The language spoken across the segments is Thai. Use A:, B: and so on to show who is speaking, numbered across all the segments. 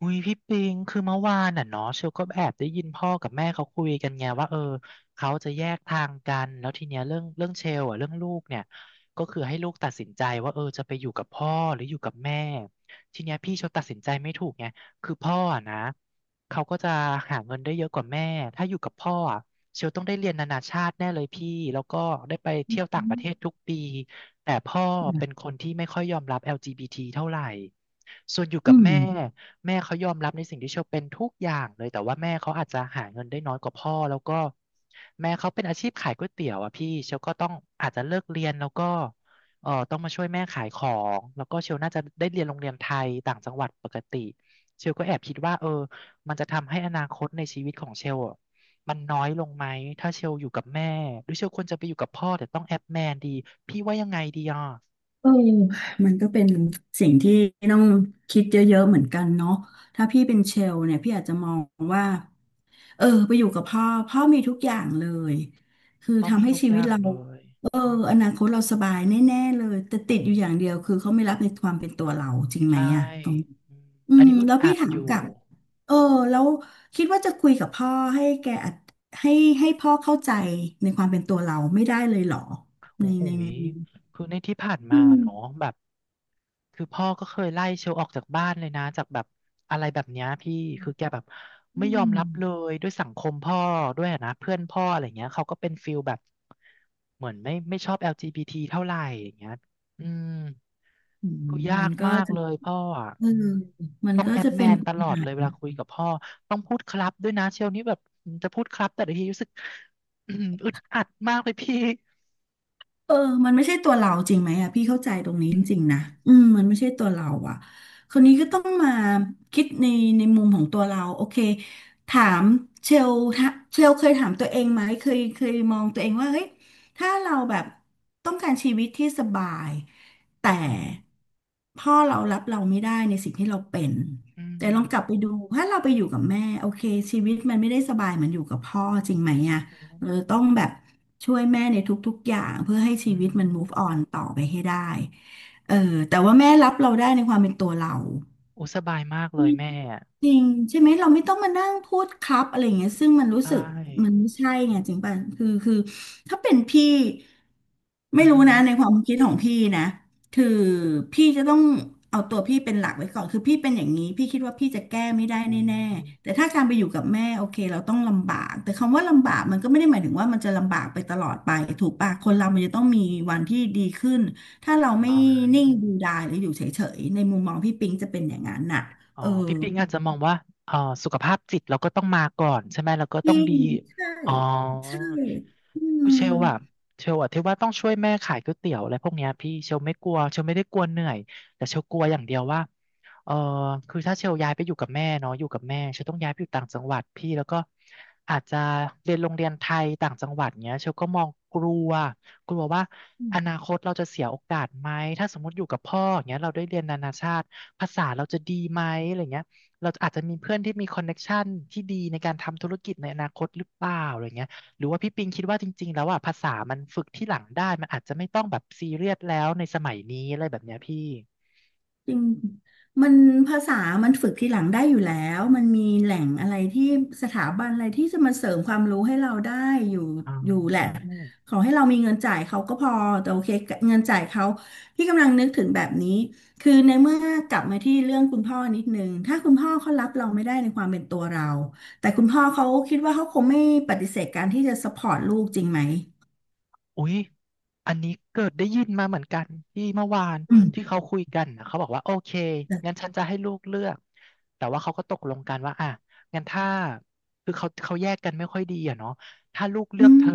A: อุ้ยพี่ปิงคือเมื่อวานน่ะเนาะเชลก็แอบได้ยินพ่อกับแม่เขาคุยกันไงว่าเขาจะแยกทางกันแล้วทีเนี้ยเรื่องเชลอ่ะเรื่องลูกเนี่ยก็คือให้ลูกตัดสินใจว่าเออจะไปอยู่กับพ่อหรืออยู่กับแม่ทีเนี้ยพี่เชลตัดสินใจไม่ถูกไงคือพ่ออะนะเขาก็จะหาเงินได้เยอะกว่าแม่ถ้าอยู่กับพ่ออะเชลต้องได้เรียนนานาชาติแน่เลยพี่แล้วก็ได้ไปเที่ยวต่างประเทศ
B: อ
A: ทุกปีแต่พ่อเป็นคนที่ไม่ค่อยยอมรับ LGBT เท่าไหร่ส่วนอยู่กั
B: ื
A: บ
B: ม
A: แม่ แม่เขายอมรับในสิ่งที่เชลเป็นทุกอย่างเลยแต่ว่าแม่เขาอาจจะหาเงินได้น้อยกว่าพ่อแล้วก็แม่เขาเป็นอาชีพขายก๋วยเตี๋ยวอ่ะพี่เชลก็ต้องอาจจะเลิกเรียนแล้วก็เออต้องมาช่วยแม่ขายของแล้วก็เชลน่าจะได้เรียนโรงเรียนไทยต่างจังหวัดปกติเชลก็แอบคิดว่าเออมันจะทำให้อนาคตในชีวิตของเชลอะมันน้อยลงไหมถ้าเชลอยู่กับแม่หรือเชลควรจะไปอยู่กับพ่อแต่ต้องแอบแมนดีพี่ว่ายังไงดีอ่ะ
B: เออมันก็เป็นสิ่งที่ต้องคิดเยอะๆเหมือนกันเนาะถ้าพี่เป็นเชลเนี่ยพี่อาจจะมองว่าไปอยู่กับพ่อพ่อมีทุกอย่างเลยคือ
A: เขา
B: ทำ
A: มี
B: ให้
A: ทุก
B: ชี
A: อ
B: วิต
A: ย่าง
B: เรา
A: เลย
B: เออ
A: อืม
B: อนาคตเราสบายแน่ๆเลยแต่ติดอยู่อย่างเดียวคือเขาไม่รับในความเป็นตัวเราจริงไหม
A: ใช่
B: อะตรง
A: อืมอันนี้อึด
B: แล้ว
A: อั
B: พี่
A: ด
B: ถา
A: อ
B: ม
A: ยู่
B: กลับเออแล้วคิดว่าจะคุยกับพ่อให้แกอัดให้ให้พ่อเข้าใจในความเป็นตัวเราไม่ได้เลยเหรอใน
A: โอ้โห
B: ใน
A: ยคือในที่ผ่าน
B: อื
A: มา
B: ม
A: เนาะแบบคือพ่อก็เคยไล่เชลออกจากบ้านเลยนะ จากแบบอะไรแบบเนี้ยพี่คือแกแบบ
B: อื
A: ไม่ยอมรับ
B: ม
A: เลยด้วยสังคมพ่อด้วยอะนะเพื่อนพ่ออะไรเงี้ยเขาก็เป็นฟิลแบบเหมือนไม่ชอบ LGBT เท่าไหร่อย่างเงี้ยอืม
B: อืม
A: คือยากมากเลยพ่ออ่ะ
B: เออ
A: อืม
B: มัน
A: ต้อง
B: ก็
A: แอป
B: จะ
A: แม
B: เป็น
A: นต
B: ปั
A: ล
B: ญ
A: อด
B: หา
A: เลยเวลาคุยกับพ่อ ต้องพูดครับด้วยนะเชลนี่แบบจะพูดครับแต่ละทีรู้สึก อึดอัดมากเลยพี่
B: เออมันไม่ใช่ตัวเราจริงไหมอะพี่เข้าใจตรงนี้
A: อื
B: จริงๆนะ
A: ม
B: มันไม่ใช่ตัวเราอะคนนี้ก็ต้องมาคิดในมุมของตัวเราโอเคถามเชลถ้าเชลเคยถามตัวเองไหมเคยมองตัวเองว่าเฮ้ยถ้าเราแบบต้องการชีวิตที่สบายแต่
A: อืม
B: พ่อเรารับเราไม่ได้ในสิ่งที่เราเป็น
A: อื
B: แต่
A: ม
B: ลองกลับไปดูถ้าเราไปอยู่กับแม่โอเคชีวิตมันไม่ได้สบายเหมือนอยู่กับพ่อจริงไหมอะ
A: อื
B: เรา
A: ม
B: จะต้องแบบ ช่วยแม่ในทุกๆอย่างเพื่อให้ชี
A: อื
B: วิตมัน move
A: ม
B: on ต่อไปให้ได้เออแต่ว่าแม่รับเราได้ในความเป็นตัวเรา
A: โอ้สบายมากเลยแม่
B: จริงใช่ไหมเราไม่ต้องมานั่งพูดครับอะไรอย่างเงี้ยซึ่งมันรู้
A: ใช่
B: สึกมันไม่ใช่
A: อื
B: ไงจริงป่ะ
A: ม
B: คือถ้าเป็นพี่
A: อื
B: ไม่
A: มอ
B: รู้
A: หือ
B: นะในความคิดของพี่นะคือพี่จะต้องเอาตัวพี่เป็นหลักไว้ก่อนคือพี่เป็นอย่างนี้พี่คิดว่าพี่จะแก้ไม่ได้
A: อ๋
B: แน่
A: อ
B: ๆแต่ถ้าการไปอยู่กับแม่โอเคเราต้องลำบากแต่คำว่าลำบากมันก็ไม่ได้หมายถึงว่ามันจะลำบากไปตลอดไปถูกป่ะคนเรามันจะต้องมีวันที่ดีขึ้นถ้าเราไม่
A: อ๋อ
B: นิ่งดูดายหรืออยู่เฉยๆในมุมมองพี่ปิงจะเป็นอย่างนั้นน่ะ
A: อ๋อ
B: เออ
A: พี่ปิงอาจจะมองว่าเอ๋อสุขภาพจิตเราก็ต้องมาก่อนใช่ไหมเราก็
B: จ
A: ต้อ
B: ริ
A: งดี
B: งใช่
A: อ๋อ
B: ใช่อืม
A: เชลอะเชลอะที่ว่าต้องช่วยแม่ขายก๋วยเตี๋ยวอะไรพวกเนี้ยพี่เชลไม่กลัวเชลไม่ได้กลัวเหนื่อยแต่เชลกลัวอย่างเดียวว่าเออคือถ้าเชลย้ายไปอยู่กับแม่เนาะอยู่กับแม่เชลต้องย้ายไปอยู่ต่างจังหวัดพี่แล้วก็อาจจะเรียนโรงเรียนไทยต่างจังหวัดเงี้ยเชลก็มองกลัว กลัวว่าอนาคตเราจะเสียโอกาสไหมถ้าสมมติอยู่กับพ่ออย่างเงี้ยเราได้เรียนนานาชาติภาษาเราจะดีไหมอะไรเงี้ยเราอาจจะมีเพื่อนที่มีคอนเน็กชันที่ดีในการทำธุรกิจในอนาคตหรือเปล่าอะไรเงี้ยหรือว่าพี่ปิงคิดว่าจริงๆแล้วอ่ะภาษามันฝึกที่หลังได้มันอาจจะไม่ต้องแบบซีเรียสแล้วในสมัยนี้อะไรแบบเนี้ยพี่
B: จริงมันภาษามันฝึกทีหลังได้อยู่แล้วมันมีแหล่งอะไรที่สถาบันอะไรที่จะมาเสริมความรู้ให้เราได้อยู่
A: อ๋
B: อยู่แหละ
A: อ
B: ขอให้เรามีเงินจ่ายเขาก็พอแต่โอเคเงินจ่ายเขาพี่กำลังนึกถึงแบบนี้คือในเมื่อกลับมาที่เรื่องคุณพ่อนิดนึงถ้าคุณพ่อเขารับเราไม่ได้ในความเป็นตัวเราแต่คุณพ่อเขาคิดว่าเขาคงไม่ปฏิเสธการที่จะ support ลูกจริงไหม
A: อุ๊ยอันนี้เกิดได้ยินมาเหมือนกันที่เมื่อวาน
B: อืม
A: ที่เขาคุยกันนะเขาบอกว่าโอเคงั้นฉันจะให้ลูกเลือกแต่ว่าเขาก็ตกลงกันว่าอ่ะงั้นถ้าคือเขาแยกกันไม่ค่อยดีอะเนาะถ้าลูกเลื
B: อื
A: อกเธ
B: ม
A: อ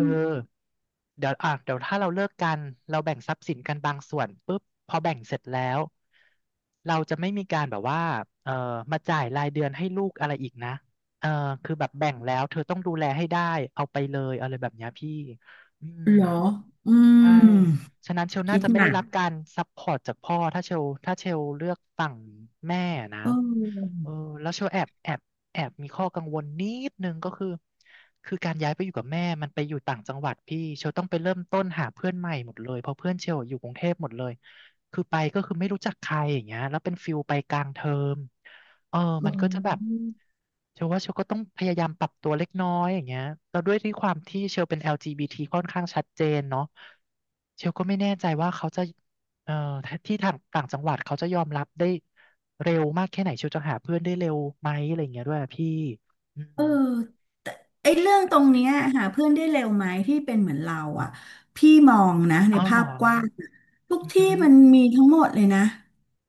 A: เดี๋ยวถ้าเราเลิกกันเราแบ่งทรัพย์สินกันบางส่วนปุ๊บพอแบ่งเสร็จแล้วเราจะไม่มีการแบบว่าเออมาจ่ายรายเดือนให้ลูกอะไรอีกนะเออคือแบบแบ่งแล้วเธอต้องดูแลให้ได้เอาไปเลยอะไรแบบเนี้ยพี่อืม
B: เหรออื
A: ใช่
B: ม
A: ฉะนั้นเชล
B: คิ
A: น่า
B: ด
A: จะไม่
B: ห
A: ได้
B: นัก
A: รับการซัพพอร์ตจากพ่อถ้าเชลเลือกฝั่งแม่นะ
B: เออ
A: เออแล้วเชลแอบมีข้อกังวลนิดนึงก็คือคือการย้ายไปอยู่กับแม่มันไปอยู่ต่างจังหวัดพี่เชลต้องไปเริ่มต้นหาเพื่อนใหม่หมดเลยเพราะเพื่อนเชลอยู่กรุงเทพหมดเลยคือไม่รู้จักใครอย่างเงี้ยแล้วเป็นฟิลไปกลางเทอม เออ
B: เ
A: มันก็จะแบบ
B: ออ
A: เชลว่าเชลก็ต้องพยายามปรับตัวเล็กน้อยอย่างเงี้ยแล้วด้วยที่ความที่เชลเป็น LGBT ค่อนข้างชัดเจนเนาะเชลก็ไม่แน่ใจว่าเขาจะเอ่อที่ทางต่างจังหวัดเขาจะยอมรับได้เร็วมากแค่ไหนเชลจะหาเพื่อนได้เร็วไหมอะไรอย่างเงี้ยด้วยอะพี่อื
B: เอ
A: ม
B: อ ไอ้เรื่องตรงเนี้ยหาเพื่อนได้เร็วไหมที่เป็นเหมือนเราอ่ะพี่มองนะใน
A: เอาเห
B: ภา
A: ร
B: พ
A: อ
B: กว้างอะทุก
A: อื
B: ที่
A: ม
B: มันมีทั้งหมดเลยนะ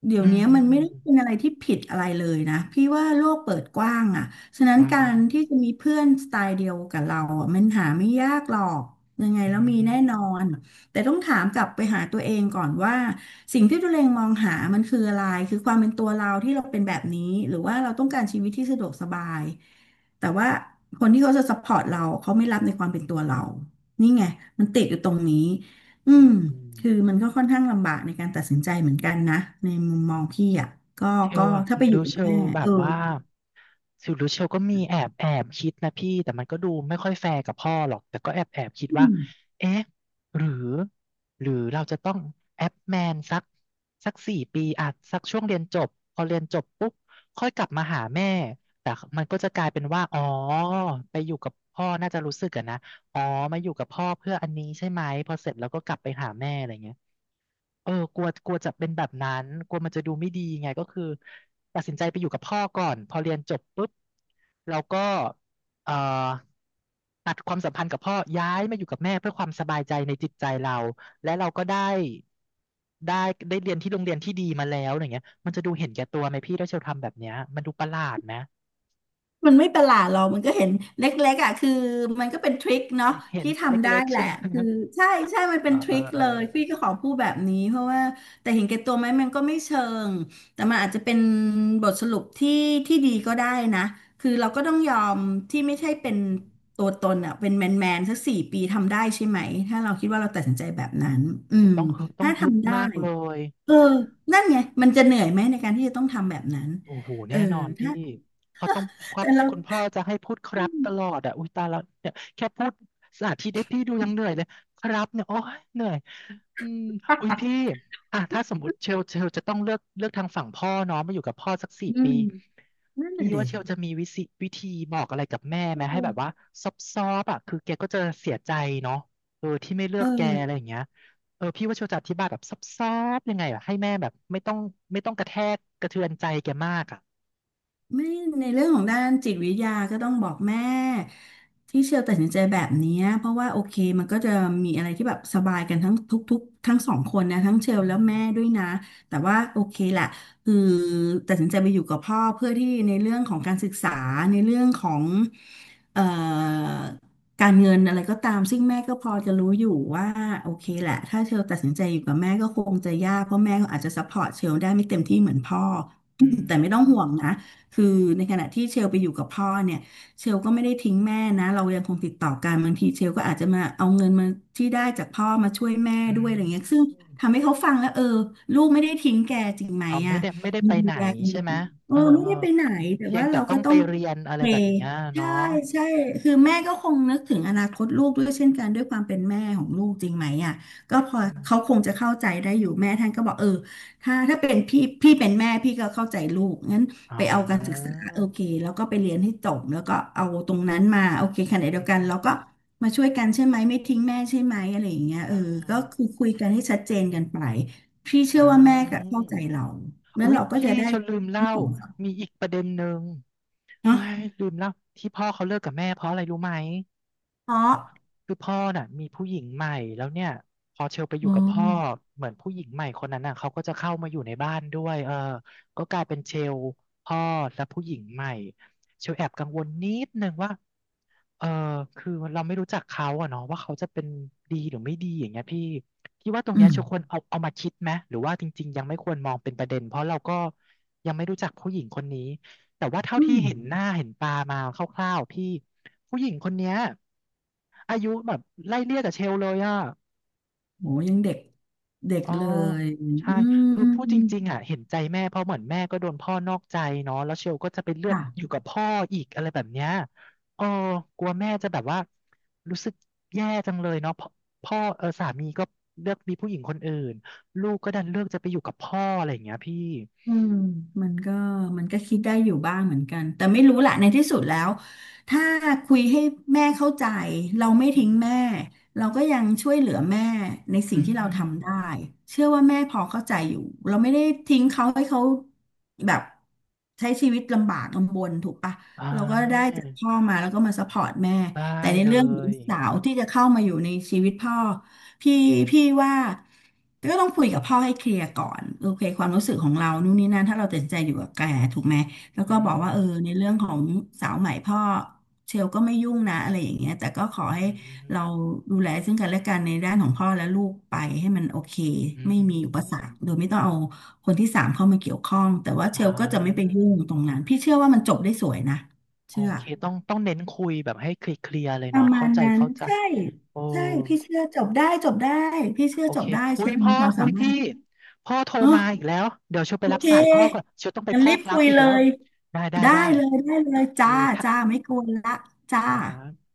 B: เดี๋
A: อ
B: ยว
A: หือ
B: เนี้ย
A: อื
B: มั
A: ม
B: นไม่
A: อื
B: ได้
A: ม
B: เป็นอะไรที่ผิดอะไรเลยนะพี่ว่าโลกเปิดกว้างอ่ะฉะนั้น
A: อ่า
B: การที่จะมีเพื่อนสไตล์เดียวกับเราอ่ะมันหาไม่ยากหรอกยังไง
A: อื
B: แล้วมีแน่นอน
A: ม
B: แต่ต้องถามกลับไปหาตัวเองก่อนว่าสิ่งที่ตัวเองมองหามันคืออะไรคือความเป็นตัวเราที่เราเป็นแบบนี้หรือว่าเราต้องการชีวิตที่สะดวกสบาย แต่ว่าคนที่เขาจะซัพพอร์ตเราเขาไม่รับในความเป็นตัวเรา นี่ไงมันติดอยู่ตรงนี้ อื
A: อ
B: ม
A: ื
B: คือ
A: ม
B: มันก็ค่อนข้างลำบากในการตัดสินใจเหมือนกันนะในมุมมองพี่อ่ะก็
A: เช
B: ก็
A: ลอะ
B: ถ้าไปอยู่
A: ดู
B: กับ
A: เชล
B: แม่
A: แบ
B: เอ
A: บ
B: อ
A: ว่าสิวดูเชลก็มีแอบแอบคิดนะพี่แต่มันก็ดูไม่ค่อยแฟร์กับพ่อหรอกแต่ก็แอบแอบคิด
B: อื
A: ว่า
B: ม
A: เอ๊ะหรือหรือเราจะต้องแอปแมนสักสี่ปีอ่ะสักช่วงเรียนจบพอเรียนจบปุ๊บค่อยกลับมาหาแม่แต่มันก็จะกลายเป็นว่าอ๋อไปอยู่กับพ่อน่าจะรู้สึกอะนะอ๋อมาอยู่กับพ่อเพื่ออันนี้ใช่ไหมพอเสร็จแล้วก็กลับไปหาแม่อะไรเงี้ย เออกลัวกลัวจะเป็นแบบนั้นกลัวมันจะดูไม่ดีไงก็คือตัดสินใจไปอยู่กับพ่อก่อนพอเรียนจบปุ๊บเราก็เอ่อตัดความสัมพันธ์กับพ่อย้ายมาอยู่กับแม่เพื่อความสบายใจในจิตใจเราและเราก็ได้ได้ได้เรียนที่โรงเรียนที่ดีมาแล้วอย่างเงี้ยมันจะดูเห็นแก่ตัวไหมพี่ถ้าเชลทำแบบเนี้ยมันดูประหลาดไหม
B: มันไม่ประหลาดหรอกมันก็เห็นเล็กๆอ่ะคือมันก็เป็นทริคเนาะ
A: เห็น
B: ที่
A: เ
B: ทำได้
A: ล็กๆ
B: แห
A: ใช่
B: ละ
A: ไหม
B: คือ ใช่ใช่มัน
A: เอ
B: เป็น
A: อ
B: ท
A: เอ
B: ริ
A: อ
B: ค
A: เออ
B: เลยพี่ก็ขอพูดแบบนี้เพราะว่าแต่เห็นแก่ตัวไหมมันก็ไม่เชิงแต่มันอาจจะเป็นบทสรุปที่ที่ดีก็ได้นะคือเราก็ต้องยอมที่ไม่ใช่เป็นตัวตนอ่ะเป็นแมนแมนสัก4 ปีทำได้ใช่ไหมถ้าเราคิดว่าเราตัดสินใจแบบนั้นอื
A: โอ้
B: ม
A: ต้องฮึดต้อ
B: ถ้า
A: งฮึด
B: ทำได้
A: มากเลย
B: เออนั่นไงมันจะเหนื่อยไหมในการที่จะต้องทำแบบนั้น
A: โอ้โห
B: เออ
A: แน่นอนพี่
B: ถ้า
A: เขาต้องครั
B: แต่
A: บ
B: เรา
A: คุณพ่อจะให้พูดครับตลอดอ่ะอุ้ยตายแล้วเนี่ยแค่พูดสานที่ได้พี่ดูยังเหนื่อยเลยครับเนี่ยโอ้ยเหนื่อยอืมอุ้ยพี่อ่ะถ้าสมมติเชลจะต้องเลือกทางฝั่งพ่อเน้องมาอยู่กับพ่อสักสี่
B: อื
A: ปี
B: ม นั่น
A: พี่
B: น่ะดิ
A: ว่าเชลจะมีวิธีบอกอะไรกับแม่ไหมให้
B: เออ
A: แบบว่าซอบซอบอ่ะคือแกก็จะเสียใจเนาะเออที่ไม่เลื
B: เ
A: อกแกอะไร
B: ออ
A: อย่างเงี้ยเออพี่ว่าเชลจะอธิบายแบบซับซ้อบๆยังไงอะให้แม่แบบไม่ต้องกระแทกกระเทือนใจแกมากอะ
B: ไม่ในเรื่องของด้านจิตวิทยาก็ต้องบอกแม่ที่เชลตัดสินใจแบบเนี้ยเพราะว่าโอเคมันก็จะมีอะไรที่แบบสบายกันทั้งทุกๆทั้งสองคนนะทั้งเชล
A: อื
B: แล้วแม่
A: ม
B: ด้วยนะแต่ว่าโอเคแหละคือตัดสินใจไปอยู่กับพ่อเพื่อที่ในเรื่องของการศึกษาในเรื่องของเอ่อการเงินอะไรก็ตามซึ่งแม่ก็พอจะรู้อยู่ว่าโอเคแหละถ้าเชลตัดสินใจอยู่กับแม่ก็คงจะยากเพราะแม่ก็อาจจะซัพพอร์ตเชลได้ไม่เต็มที่เหมือนพ่อ
A: อื
B: แต่ไม่ต้องห่ว
A: ม
B: งนะ คือในขณะที่เชลไปอยู่กับพ่อเนี่ยเชลก็ไม่ได้ทิ้งแม่นะเรายังคงติดต่อกันบางทีเชลก็อาจจะมาเอาเงินมาที่ได้จากพ่อมาช่วยแม่
A: อื
B: ด้วย
A: ม
B: อะไรเงี้ยซึ่งทำให้เขาฟังแล้วเออลูกไม่ได้ทิ้งแกจริงไหม
A: อ๋อ ไม่
B: อ่ะ
A: ได้ ไม่ได้
B: ยั
A: ไป
B: ง
A: ไห
B: ดู
A: น
B: แลกันอ
A: ใช่
B: ยู่
A: ไหม
B: เอ
A: เอ
B: อ
A: อ
B: ไม่
A: เออ
B: ได้ไปไหนแต่
A: เพีย
B: ว่า
A: งแต่
B: เรา
A: ต้
B: ก็
A: อง
B: ต้
A: ไป
B: อง
A: เรียนอะไร
B: เพล
A: แบบ
B: ย์
A: เนี้ย
B: ใช่
A: เนาะ
B: ใช่คือแม่ก็คงนึกถึงอนาคตลูกด้วยเช่นกันด้วยความเป็นแม่ของลูกจริงไหมอ่ะก็พอ
A: อื
B: เขา
A: ม
B: คงจะเข้าใจได้อยู่แม่ท่านก็บอกเออถ้าเป็นพี่เป็นแม่พี่ก็เข้าใจลูกงั้น
A: อ๋
B: ไปเอาการศึกษา
A: อ
B: โอเคแล้วก็ไปเรียนให้จบแล้วก็เอาตรงนั้นมาโอเคขณะ
A: อื
B: เดีย
A: ม
B: วกัน
A: อืม
B: เราก็มาช่วยกันใช่ไหมไม่ทิ้งแม่ใช่ไหมอะไรอย่างเงี้ย
A: เอ
B: เออก็
A: อ
B: คือคุยกันให้ชัดเจน
A: อื
B: กั
A: ม
B: นไปพี่เชื่อว่าแม่ก็
A: อ
B: เข้าใจเรา
A: อ
B: แล้ว
A: อุ๊ย
B: เราก็
A: พี่
B: จะได้
A: ฉันลืม
B: ทั้
A: เล่า
B: งสองฝ่าย
A: มีอีกประเด็นหนึ่งเฮ้
B: เนาะ
A: ยลืมเล่า ที่พ่อเขาเลิกกับแม่เพราะอะไรรู้ไหม
B: เพราะ
A: คือพ่อน่ะมีผู้หญิงใหม่แล้วเนี่ยพอเชลไปอ
B: อ๋
A: ยู่กับพ่อ
B: อ
A: เหมือนผู้หญิงใหม่คนนั้นน่ะเขาก็จะเข้ามาอยู่ในบ้านด้วยเออก็กลายเป็นเชลพ่อและผู้หญิงใหม่เชลแอบกังวลนิดนึงว่าเออคือเราไม่รู้จักเขาอะเนาะว่าเขาจะเป็นดีหรือไม่ดีอย่างเงี้ยพี่พี่ว่าตรง
B: อื
A: เนี้ยเชลค
B: ม
A: วรเอามาคิดไหมหรือว่าจริงๆยังไม่ควรมองเป็นประเด็นเพราะเราก็ยังไม่รู้จักผู้หญิงคนนี้ แต่ว่าเท่า
B: อื
A: ที่
B: ม
A: เห็นหน้าเห็นตามาคร่าวๆพี่ผู้หญิงคนเนี้ยอายุแบบไล่เลี่ยกับเชลเลยอ่ะ
B: โหยังเด็กเด็ก
A: อ๋อ
B: เลย
A: ใช่
B: อื
A: คือพูดจ
B: ม
A: ริงๆอ่ะเห็นใจแม่เพราะเหมือนแม่ก็โดนพ่อนอกใจเนาะแล้วเชลก็จะไปเลือก
B: จ้ะ
A: อยู่กับพ่ออีกอะไรแบบเนี้ยเออกลัวแม่จะแบบว่ารู้สึกแย่จังเลยเนาะพ่อพ่อเออสามีก็เลือกมีผู้หญิงคนอื่นลูกก็ดันเลือกจะไปอยู่กับพ่ออะไรอย่างเงี้ยพี่
B: อืมมันก็มันก็คิดได้อยู่บ้างเหมือนกันแต่ไม่รู้แหละในที่สุดแล้วถ้าคุยให้แม่เข้าใจเราไม่
A: อื
B: ทิ้งแม่
A: ม
B: เราก็ยังช่วยเหลือแม่ในสิ่ง
A: อืม
B: ที่เรา
A: อืม
B: ทำได้เชื่อว่าแม่พอเข้าใจอยู่เราไม่ได้ทิ้งเขาให้เขาแบบใช้ชีวิตลำบากลำบนถูกปะ
A: อ่
B: เราก็ได้
A: า
B: จากพ่อมาแล้วก็มาซัพพอร์ตแม่
A: ได้
B: แต่ใน
A: เล
B: เรื่องของลู
A: ย
B: กสาวที่จะเข้ามาอยู่ในชีวิตพ่อพี่พี่ว่าก็ต้องคุยกับพ่อให้เคลียร์ก่อนโอเคความรู้สึกของเรานู่นนี่นั่นถ้าเราตัดสินใจอยู่กับแกถูกไหมแล้ว
A: อื
B: ก็บอก
A: ม
B: ว่าเออในเรื่องของสาวใหม่พ่อเชลก็ไม่ยุ่งนะอะไรอย่างเงี้ยแต่ก็ขอให้
A: อื
B: เรา
A: ม
B: ดูแลซึ่งกันและกันในด้านของพ่อและลูกไปให้มันโอเค
A: อื
B: ไม่มีอุปสร
A: ม
B: รคโดยไม่ต้องเอาคนที่สามเข้ามาเกี่ยวข้องแต่ว่าเช
A: อ่า
B: ลก็จะไม่ไปยุ่งตรงนั้นพี่เชื่อว่ามันจบได้สวยนะ
A: โอ
B: เชื่อ
A: เคต้องเน้นคุยแบบให้เคลียร์ๆเลย
B: ป
A: เนาะ
B: ระมา
A: เข้า
B: ณ
A: ใจ
B: นั้น
A: เข้าใจ
B: ใช่
A: โอ้
B: ใช่พี่เชื่อจบได้จบได้พี่เชื่อ
A: โอ
B: จ
A: เค
B: บได้
A: อุ้
B: เชื่
A: ย
B: อ
A: พ่
B: มี
A: อ
B: ความ
A: อุ้
B: สา
A: ย
B: มา
A: พี่
B: รถ
A: พ่อโทร
B: อ๋อ
A: มาอีกแล้ว เดี๋ยวเชยวไป
B: โอ
A: รับ
B: เ
A: สายพ่อก่อน
B: ค
A: เชยวต้องไป
B: งั้น
A: พ่อ
B: รีบ
A: ครั
B: คุ
A: บ
B: ย
A: อีก
B: เล
A: แล้ว
B: ย
A: ได้ได้
B: ได้
A: ได้
B: เลยได้เลย
A: โอเค
B: จ้า
A: ค
B: จ้าไม่กวนละจ้า
A: ่ะ